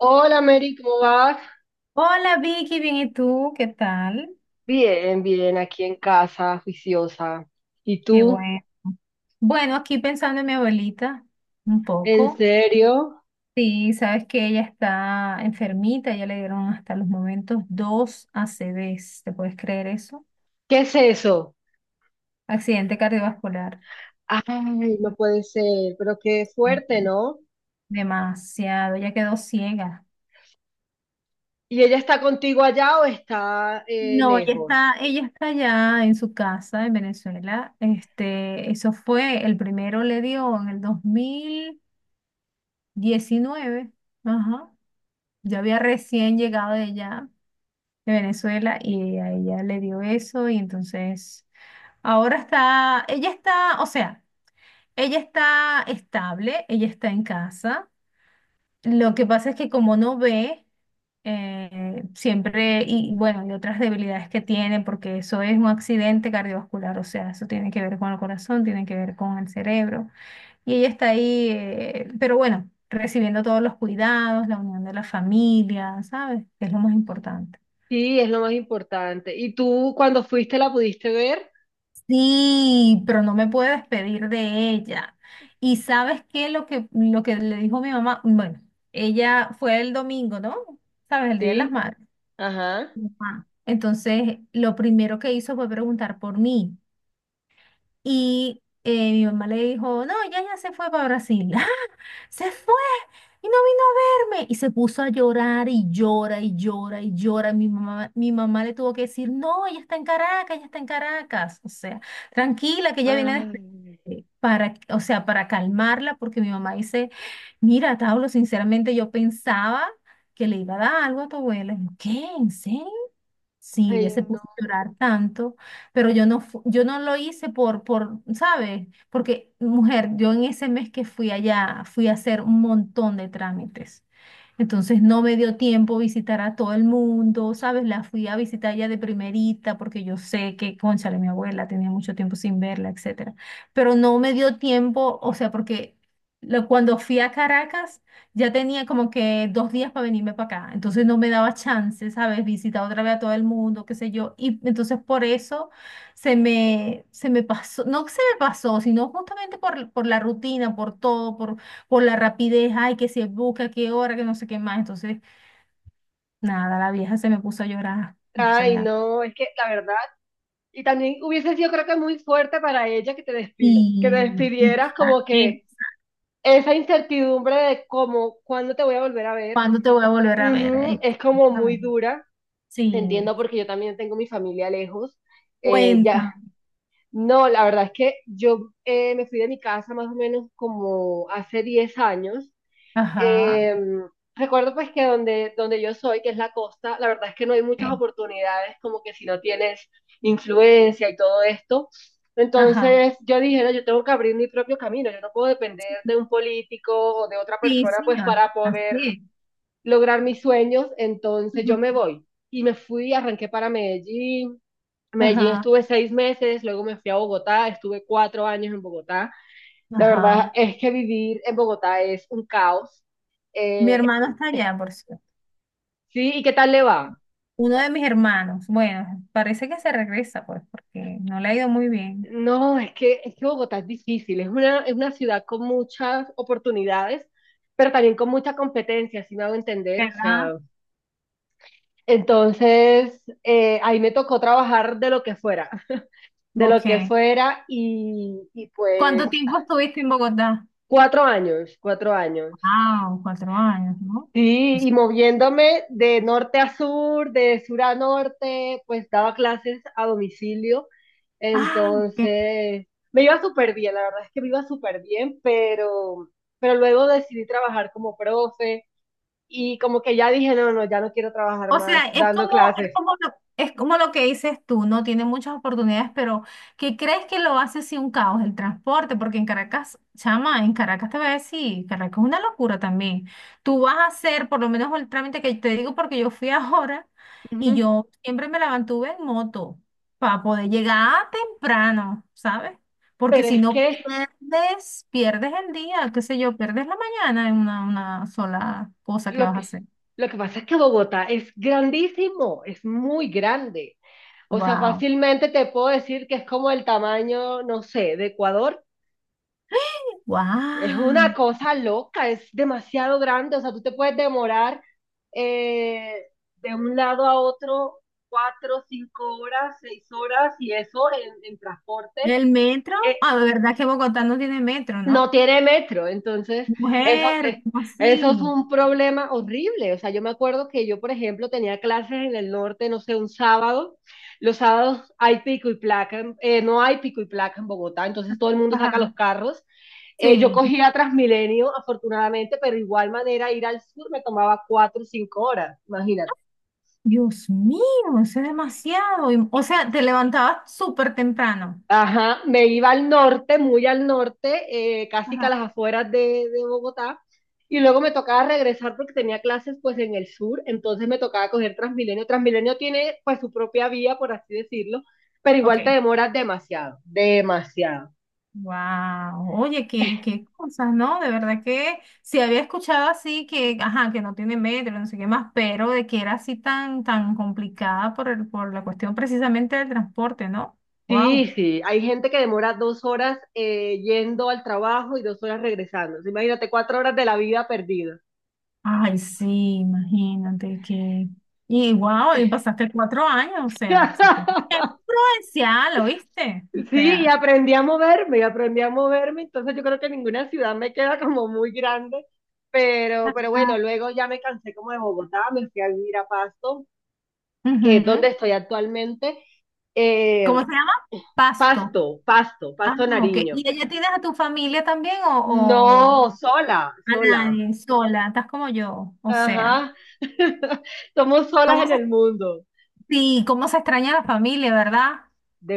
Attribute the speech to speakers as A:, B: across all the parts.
A: Hola Mary, ¿cómo vas?
B: Hola Vicky, bien, ¿y tú? ¿Qué tal?
A: Bien, bien, aquí en casa, juiciosa. ¿Y
B: Qué
A: tú?
B: bueno. Bueno, aquí pensando en mi abuelita, un
A: ¿En
B: poco.
A: serio?
B: Sí, sabes que ella está enfermita, ya le dieron hasta los momentos dos ACVs, ¿te puedes creer eso?
A: ¿Qué es eso?
B: Accidente cardiovascular.
A: Ay, no puede ser, pero qué
B: Sí.
A: fuerte, ¿no?
B: Demasiado, ya quedó ciega.
A: ¿Y ella está contigo allá o está
B: No, ella
A: lejos?
B: está, ella está allá en su casa en Venezuela. Este, eso fue, el primero le dio en el dos mil diecinueve. Ajá. Yo había recién llegado de allá, de Venezuela, y a ella le dio eso, y entonces ahora está, ella está, o sea, ella está estable, ella está en casa. Lo que pasa es que como no ve, siempre, y bueno, y otras debilidades que tiene, porque eso es un accidente cardiovascular, o sea, eso tiene que ver con el corazón, tiene que ver con el cerebro. Y ella está ahí, pero bueno, recibiendo todos los cuidados, la unión de la familia, ¿sabes? Que es lo más importante.
A: Sí, es lo más importante. ¿Y tú cuando fuiste la pudiste ver?
B: Sí, pero no me puedo despedir de ella. ¿Y sabes qué? Lo que le dijo mi mamá, bueno, ella fue el domingo, ¿no? ¿Sabes? El Día de las
A: Sí,
B: Madres.
A: ajá.
B: Ajá. Entonces, lo primero que hizo fue preguntar por mí. Y mi mamá le dijo, no, ella ya se fue para Brasil. ¡Ah! Se fue y no vino a verme. Y se puso a llorar y llora y llora y llora. Mi mamá le tuvo que decir, no, ella está en Caracas, ella está en Caracas. O sea, tranquila, que ella viene después.
A: Ay,
B: Para, o sea, para calmarla, porque mi mamá dice, mira, Tablo, sinceramente yo pensaba que le iba a dar algo a tu abuela. Y yo, ¿qué? ¿En serio? Sí, ella
A: ay,
B: se puso
A: no.
B: a llorar tanto, pero yo no, yo no lo hice por, ¿sabes? Porque, mujer, yo en ese mes que fui allá, fui a hacer un montón de trámites. Entonces no me dio tiempo visitar a todo el mundo, ¿sabes? La fui a visitar ya de primerita porque yo sé que, cónchale, mi abuela tenía mucho tiempo sin verla, etcétera. Pero no me dio tiempo, o sea, porque cuando fui a Caracas ya tenía como que 2 días para venirme para acá. Entonces no me daba chance, ¿sabes? Visitar otra vez a todo el mundo, qué sé yo. Y entonces por eso se me pasó, no que se me pasó, sino justamente por la rutina, por todo, por la rapidez, ay, que se busca, qué hora, que no sé qué más. Entonces, nada, la vieja se me puso a llorar. O
A: Ay,
B: sea,
A: no, es que la verdad, y también hubiese sido creo que muy fuerte para ella que que te despidieras,
B: ah,
A: como
B: ¿qué?
A: que esa incertidumbre de cómo, cuándo te voy a volver a ver,
B: ¿Cuándo te voy a volver a ver?
A: ujú, es como muy
B: Exactamente.
A: dura. Te
B: Sí,
A: entiendo porque yo también tengo mi familia lejos. Ya,
B: cuenta.
A: no, la verdad es que yo me fui de mi casa más o menos como hace 10 años.
B: Ajá.
A: eh, recuerdo pues que donde yo soy, que es la costa, la verdad es que no hay muchas
B: ¿Qué?
A: oportunidades, como que si no tienes influencia y todo esto.
B: Ajá.
A: Entonces yo dije, "No, yo tengo que abrir mi propio camino, yo no puedo depender de un político o de otra
B: Sí,
A: persona pues
B: señor.
A: para
B: Así
A: poder
B: es.
A: lograr mis sueños, entonces yo me
B: Ujú.
A: voy." Y me fui, arranqué para Medellín. Medellín
B: Ajá,
A: estuve 6 meses, luego me fui a Bogotá, estuve 4 años en Bogotá. La verdad
B: ajá.
A: es que vivir en Bogotá es un caos.
B: Mi
A: Eh,
B: hermano está allá, por cierto.
A: Sí, ¿y qué tal le va?
B: Uno de mis hermanos. Bueno, parece que se regresa, pues, porque no le ha ido muy bien.
A: No, es que Bogotá es difícil, es una ciudad con muchas oportunidades, pero también con mucha competencia, si me hago entender, o sea,
B: ¿Verdad?
A: entonces ahí me tocó trabajar de lo que fuera, de lo
B: Ok.
A: que fuera, y
B: ¿Cuánto
A: pues
B: tiempo estuviste en Bogotá?
A: 4 años, 4 años.
B: Ah, 4 años, ¿no?
A: Sí, y moviéndome de norte a sur, de sur a norte, pues daba clases a domicilio.
B: Ah, ok.
A: Entonces, me iba súper bien, la verdad es que me iba súper bien, pero luego decidí trabajar como profe y como que ya dije, no, no, ya no quiero trabajar
B: O sea,
A: más dando clases.
B: es como lo que dices tú, no tiene muchas oportunidades, pero ¿qué crees que lo hace si un caos el transporte? Porque en Caracas, chama, en Caracas te voy a decir, Caracas es una locura también. Tú vas a hacer, por lo menos el trámite que te digo, porque yo fui ahora y
A: Ujú.
B: yo siempre me la mantuve en moto para poder llegar temprano, ¿sabes? Porque
A: Pero
B: si
A: es
B: no
A: que
B: pierdes, pierdes el día, qué sé yo, pierdes la mañana en una sola cosa que
A: lo
B: vas a
A: que,
B: hacer.
A: lo que pasa es que Bogotá es grandísimo, es muy grande. O sea,
B: Wow.
A: fácilmente te puedo decir que es como el tamaño, no sé, de Ecuador. Es una
B: ¡Wow!
A: cosa loca, es demasiado grande, o sea, tú te puedes demorar eh, de un lado a otro 4, 5 horas, 6 horas y eso en transporte.
B: ¿El metro?
A: eh,
B: Ah, de verdad que Bogotá no tiene metro,
A: no
B: ¿no?
A: tiene metro, entonces eso, eh,
B: Mujer, ¿cómo
A: eso es
B: así?
A: un problema horrible. O sea, yo me acuerdo que yo, por ejemplo, tenía clases en el norte, no sé, un sábado. Los sábados hay pico y placa, no hay pico y placa en Bogotá, entonces todo el mundo
B: Ajá.
A: saca los carros, yo
B: Sí.
A: cogía Transmilenio, afortunadamente, pero de igual manera ir al sur me tomaba 4 o 5 horas, imagínate.
B: Dios mío, eso es demasiado. Y, o sea, te levantabas súper temprano.
A: Ajá, me iba al norte, muy al norte, casi que a las
B: Ajá.
A: afueras de Bogotá, y luego me tocaba regresar porque tenía clases pues en el sur, entonces me tocaba coger Transmilenio. Transmilenio tiene pues su propia vía, por así decirlo, pero igual te
B: Ok.
A: demoras demasiado, demasiado.
B: Wow. Oye, qué, qué cosas, ¿no? De verdad que sí había escuchado así que, ajá, que no tiene metro, no sé qué más, pero de que era así tan, tan complicada por el, por la cuestión precisamente del transporte, ¿no?
A: Sí,
B: Wow.
A: sí, hay gente que demora 2 horas yendo al trabajo y 2 horas regresando. Entonces, imagínate, 4 horas de la vida perdida.
B: Ay, sí, imagínate que... Y wow, y pasaste 4 años, o sea, pasaste... ¡Qué provincial! ¿Oíste? O
A: Sí, y
B: sea...
A: aprendí a moverme, y aprendí a moverme, entonces yo creo que ninguna ciudad me queda como muy grande, pero bueno,
B: Ajá,
A: luego ya me cansé como de Bogotá, me fui a vivir a Pasto, que es
B: ujú.
A: donde estoy actualmente. Eh,
B: ¿Cómo se llama? Pasto.
A: Pasto, Pasto,
B: Ah,
A: Pasto
B: no, ok.
A: Nariño.
B: ¿Y allá tienes a tu familia también
A: No,
B: o
A: sola,
B: a
A: sola.
B: nadie, sola? Estás como yo, o sea...
A: Ajá. Somos solas
B: ¿Cómo
A: en
B: se
A: el mundo.
B: Sí, cómo se extraña la familia, ¿verdad?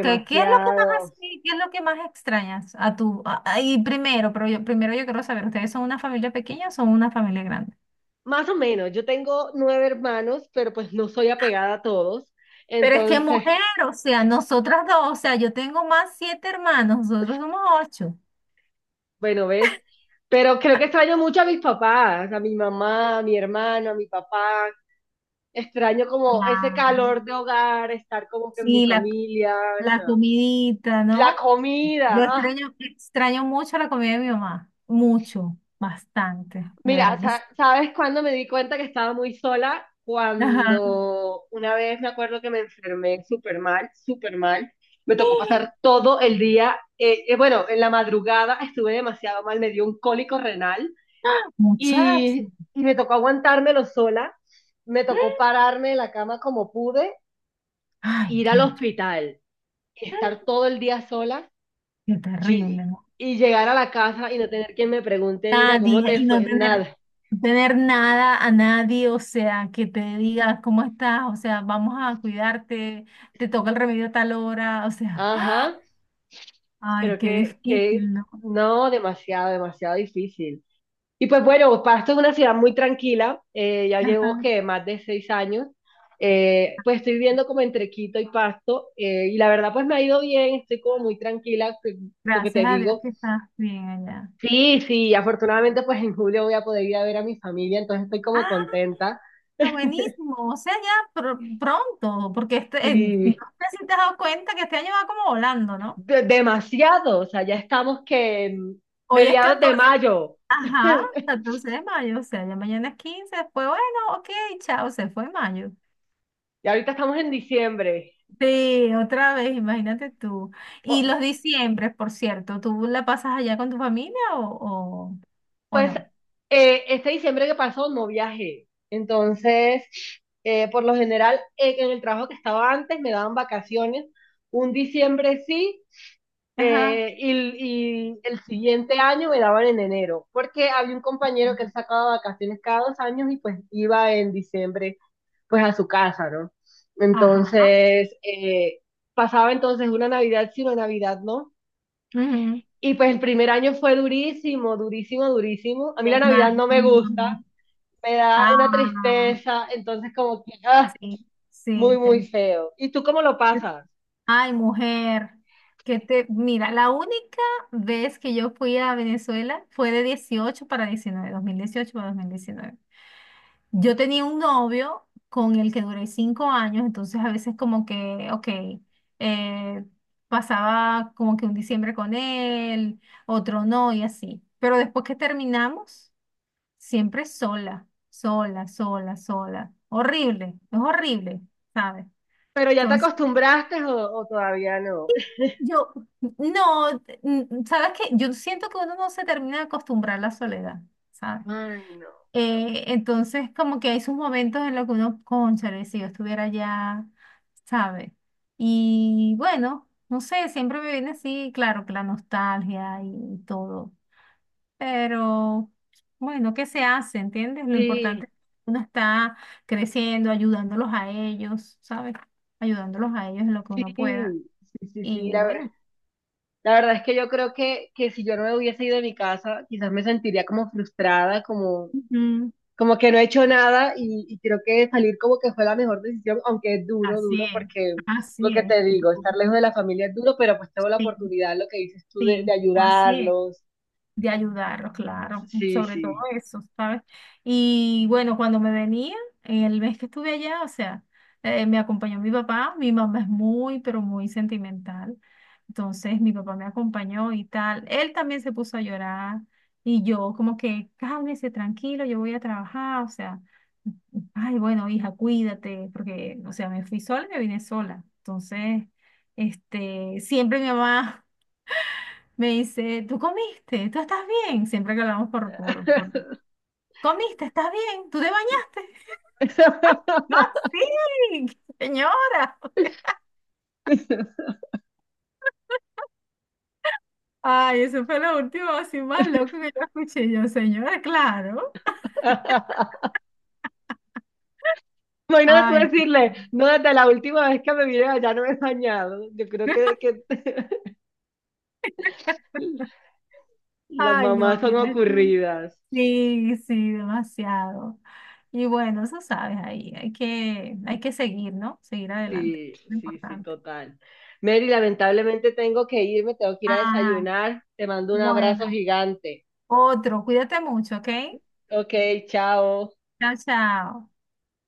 B: ¿Qué, qué es lo que más así, qué es lo que más extrañas a tu a- y primero, pero yo, primero yo quiero saber, ¿ustedes son una familia pequeña o son una familia grande?
A: Más o menos, yo tengo 9 hermanos, pero pues no soy apegada a todos.
B: Pero es que
A: Entonces,
B: mujer, o sea, nosotras dos, o sea, yo tengo más siete hermanos, nosotros somos ocho.
A: bueno, ¿ves? Pero creo que extraño mucho a mis papás, a mi mamá, a mi hermano, a mi papá. Extraño como ese
B: Claro.
A: calor de hogar, estar como que en mi
B: Sí, la,
A: familia, o
B: la
A: sea,
B: comidita,
A: la
B: ¿no?
A: comida.
B: Yo
A: ¡Ah!
B: extraño, extraño mucho la comida de mi mamá, mucho, bastante, de
A: Mira,
B: verdad que sí.
A: ¿sabes cuándo me di cuenta que estaba muy sola?
B: Ajá.
A: Cuando una vez me acuerdo que me enfermé súper mal, súper mal. Me tocó pasar todo el día, bueno, en la madrugada estuve demasiado mal, me dio un cólico renal y,
B: Muchacho.
A: y me tocó aguantármelo sola. Me tocó pararme de la cama como pude,
B: Ay,
A: ir al
B: Dios,
A: hospital, estar todo el día sola
B: qué
A: y
B: terrible, ¿no?
A: y llegar a la casa y no tener quien me pregunte, mira, ¿cómo
B: Nadie,
A: te
B: y no
A: fue?
B: tener,
A: Nada.
B: no tener nada a nadie, o sea, que te diga cómo estás, o sea, vamos a cuidarte, te toca el remedio a tal hora, o sea,
A: Ajá.
B: ay,
A: Creo
B: qué
A: que
B: difícil, ¿no?
A: no, demasiado, demasiado difícil. Y pues bueno, Pasto es una ciudad muy tranquila, ya llevo
B: Ajá.
A: que más de 6 años, pues estoy viviendo como entre Quito y Pasto, y la verdad pues me ha ido bien, estoy como muy tranquila, lo que
B: Gracias
A: te
B: a Dios
A: digo.
B: que estás bien allá.
A: Sí, sí, afortunadamente pues en julio voy a poder ir a ver a mi familia, entonces estoy como
B: Ah,
A: contenta.
B: está buenísimo, o sea, ya pronto, porque este, no
A: Sí,
B: sé si te has dado cuenta que este año va como volando, ¿no?
A: demasiado, o sea, ya estamos que en
B: Hoy es
A: mediados de
B: 14.
A: mayo,
B: Ajá, 14 de mayo, o sea, ya mañana es 15 después, bueno, ok, chao, se fue mayo.
A: y ahorita estamos en diciembre.
B: Sí, otra vez, imagínate tú. Y los diciembres, por cierto, ¿tú la pasas allá con tu familia o
A: Pues
B: no?
A: este diciembre que pasó no viajé. Entonces, por lo general, en el trabajo que estaba antes me daban vacaciones. Un diciembre sí,
B: Ajá,
A: eh, y, y el siguiente año me daban en enero, porque había un compañero que él sacaba vacaciones cada 2 años y pues iba en diciembre pues a su casa, ¿no?
B: ajá.
A: Entonces, pasaba entonces una Navidad sí, una Navidad no.
B: Ujú.
A: Y pues el primer año fue durísimo, durísimo, durísimo. A mí
B: Me
A: la Navidad no me
B: imagino.
A: gusta, me da una
B: Ah,
A: tristeza, entonces como que, ah,
B: sí, sí,
A: muy,
B: te
A: muy
B: entiendo.
A: feo. ¿Y tú cómo lo pasas?
B: Ay, mujer, que te, mira, la única vez que yo fui a Venezuela fue de 18 para 19, 2018 para 2019. Yo tenía un novio con el que duré 5 años, entonces a veces como que, ok, eh, pasaba como que un diciembre con él, otro no y así. Pero después que terminamos, siempre sola, sola, sola, sola. Horrible, es horrible, ¿sabes?
A: ¿Pero ya te
B: Entonces,
A: acostumbraste o todavía no?
B: yo, no, mm, ¿sabes qué? Yo siento que uno no se termina de acostumbrar a la soledad, ¿sabes?
A: Ay, no.
B: Entonces, como que hay sus momentos en los que uno, cónchale, si yo estuviera allá, ¿sabe? Y bueno, no sé, siempre me viene así, claro, que la nostalgia y todo, pero bueno, ¿qué se hace? ¿Entiendes? Lo
A: Sí,
B: importante es que uno está creciendo, ayudándolos a ellos, ¿sabes? Ayudándolos a ellos en lo que
A: sí,
B: uno pueda.
A: sí, sí,
B: Y
A: sí. La, ver-
B: bueno,
A: la verdad es que yo creo que si yo no me hubiese ido de mi casa, quizás me sentiría como frustrada, como,
B: ujú,
A: como que no he hecho nada y, y creo que salir como que fue la mejor decisión, aunque es duro,
B: así
A: duro,
B: es,
A: porque lo
B: así
A: que
B: es.
A: te digo, estar lejos de la familia es duro, pero pues tengo la
B: Sí,
A: oportunidad, lo que dices tú, de
B: sí, así es.
A: ayudarlos.
B: De ayudarlos, claro,
A: Sí,
B: sobre todo
A: sí.
B: eso, ¿sabes? Y bueno, cuando me venía, en el mes que estuve allá, o sea, me acompañó mi papá, mi mamá es muy, pero muy sentimental, entonces mi papá me acompañó y tal, él también se puso a llorar y yo como que, cálmese, tranquilo, yo voy a trabajar, o sea, ay, bueno, hija, cuídate, porque, o sea, me fui sola y me vine sola, entonces, este, siempre mi mamá... Me dice, ¿tú comiste? ¿Tú estás bien? Siempre que hablamos por... ¿Comiste? ¿Estás bien? ¿Tú te bañaste? No, sí, señora. Ay, eso fue lo último así más loco que yo escuché. Yo, señora, claro.
A: Imagínate tú
B: Ay,
A: decirle, no, desde la última vez que me vine allá no me he bañado. Yo creo que las
B: ay,
A: mamás
B: no,
A: son
B: mira tú.
A: ocurridas.
B: Sí, sí, demasiado. Y bueno, eso sabes ahí. Hay que seguir, ¿no? Seguir adelante.
A: Sí,
B: Eso es lo
A: sí, sí,
B: importante.
A: total. Mary, lamentablemente tengo que irme, tengo que ir a
B: Ah,
A: desayunar. Te mando un abrazo
B: bueno.
A: gigante.
B: Otro, cuídate mucho, ¿ok?
A: Ok, chao.
B: Chao, chao.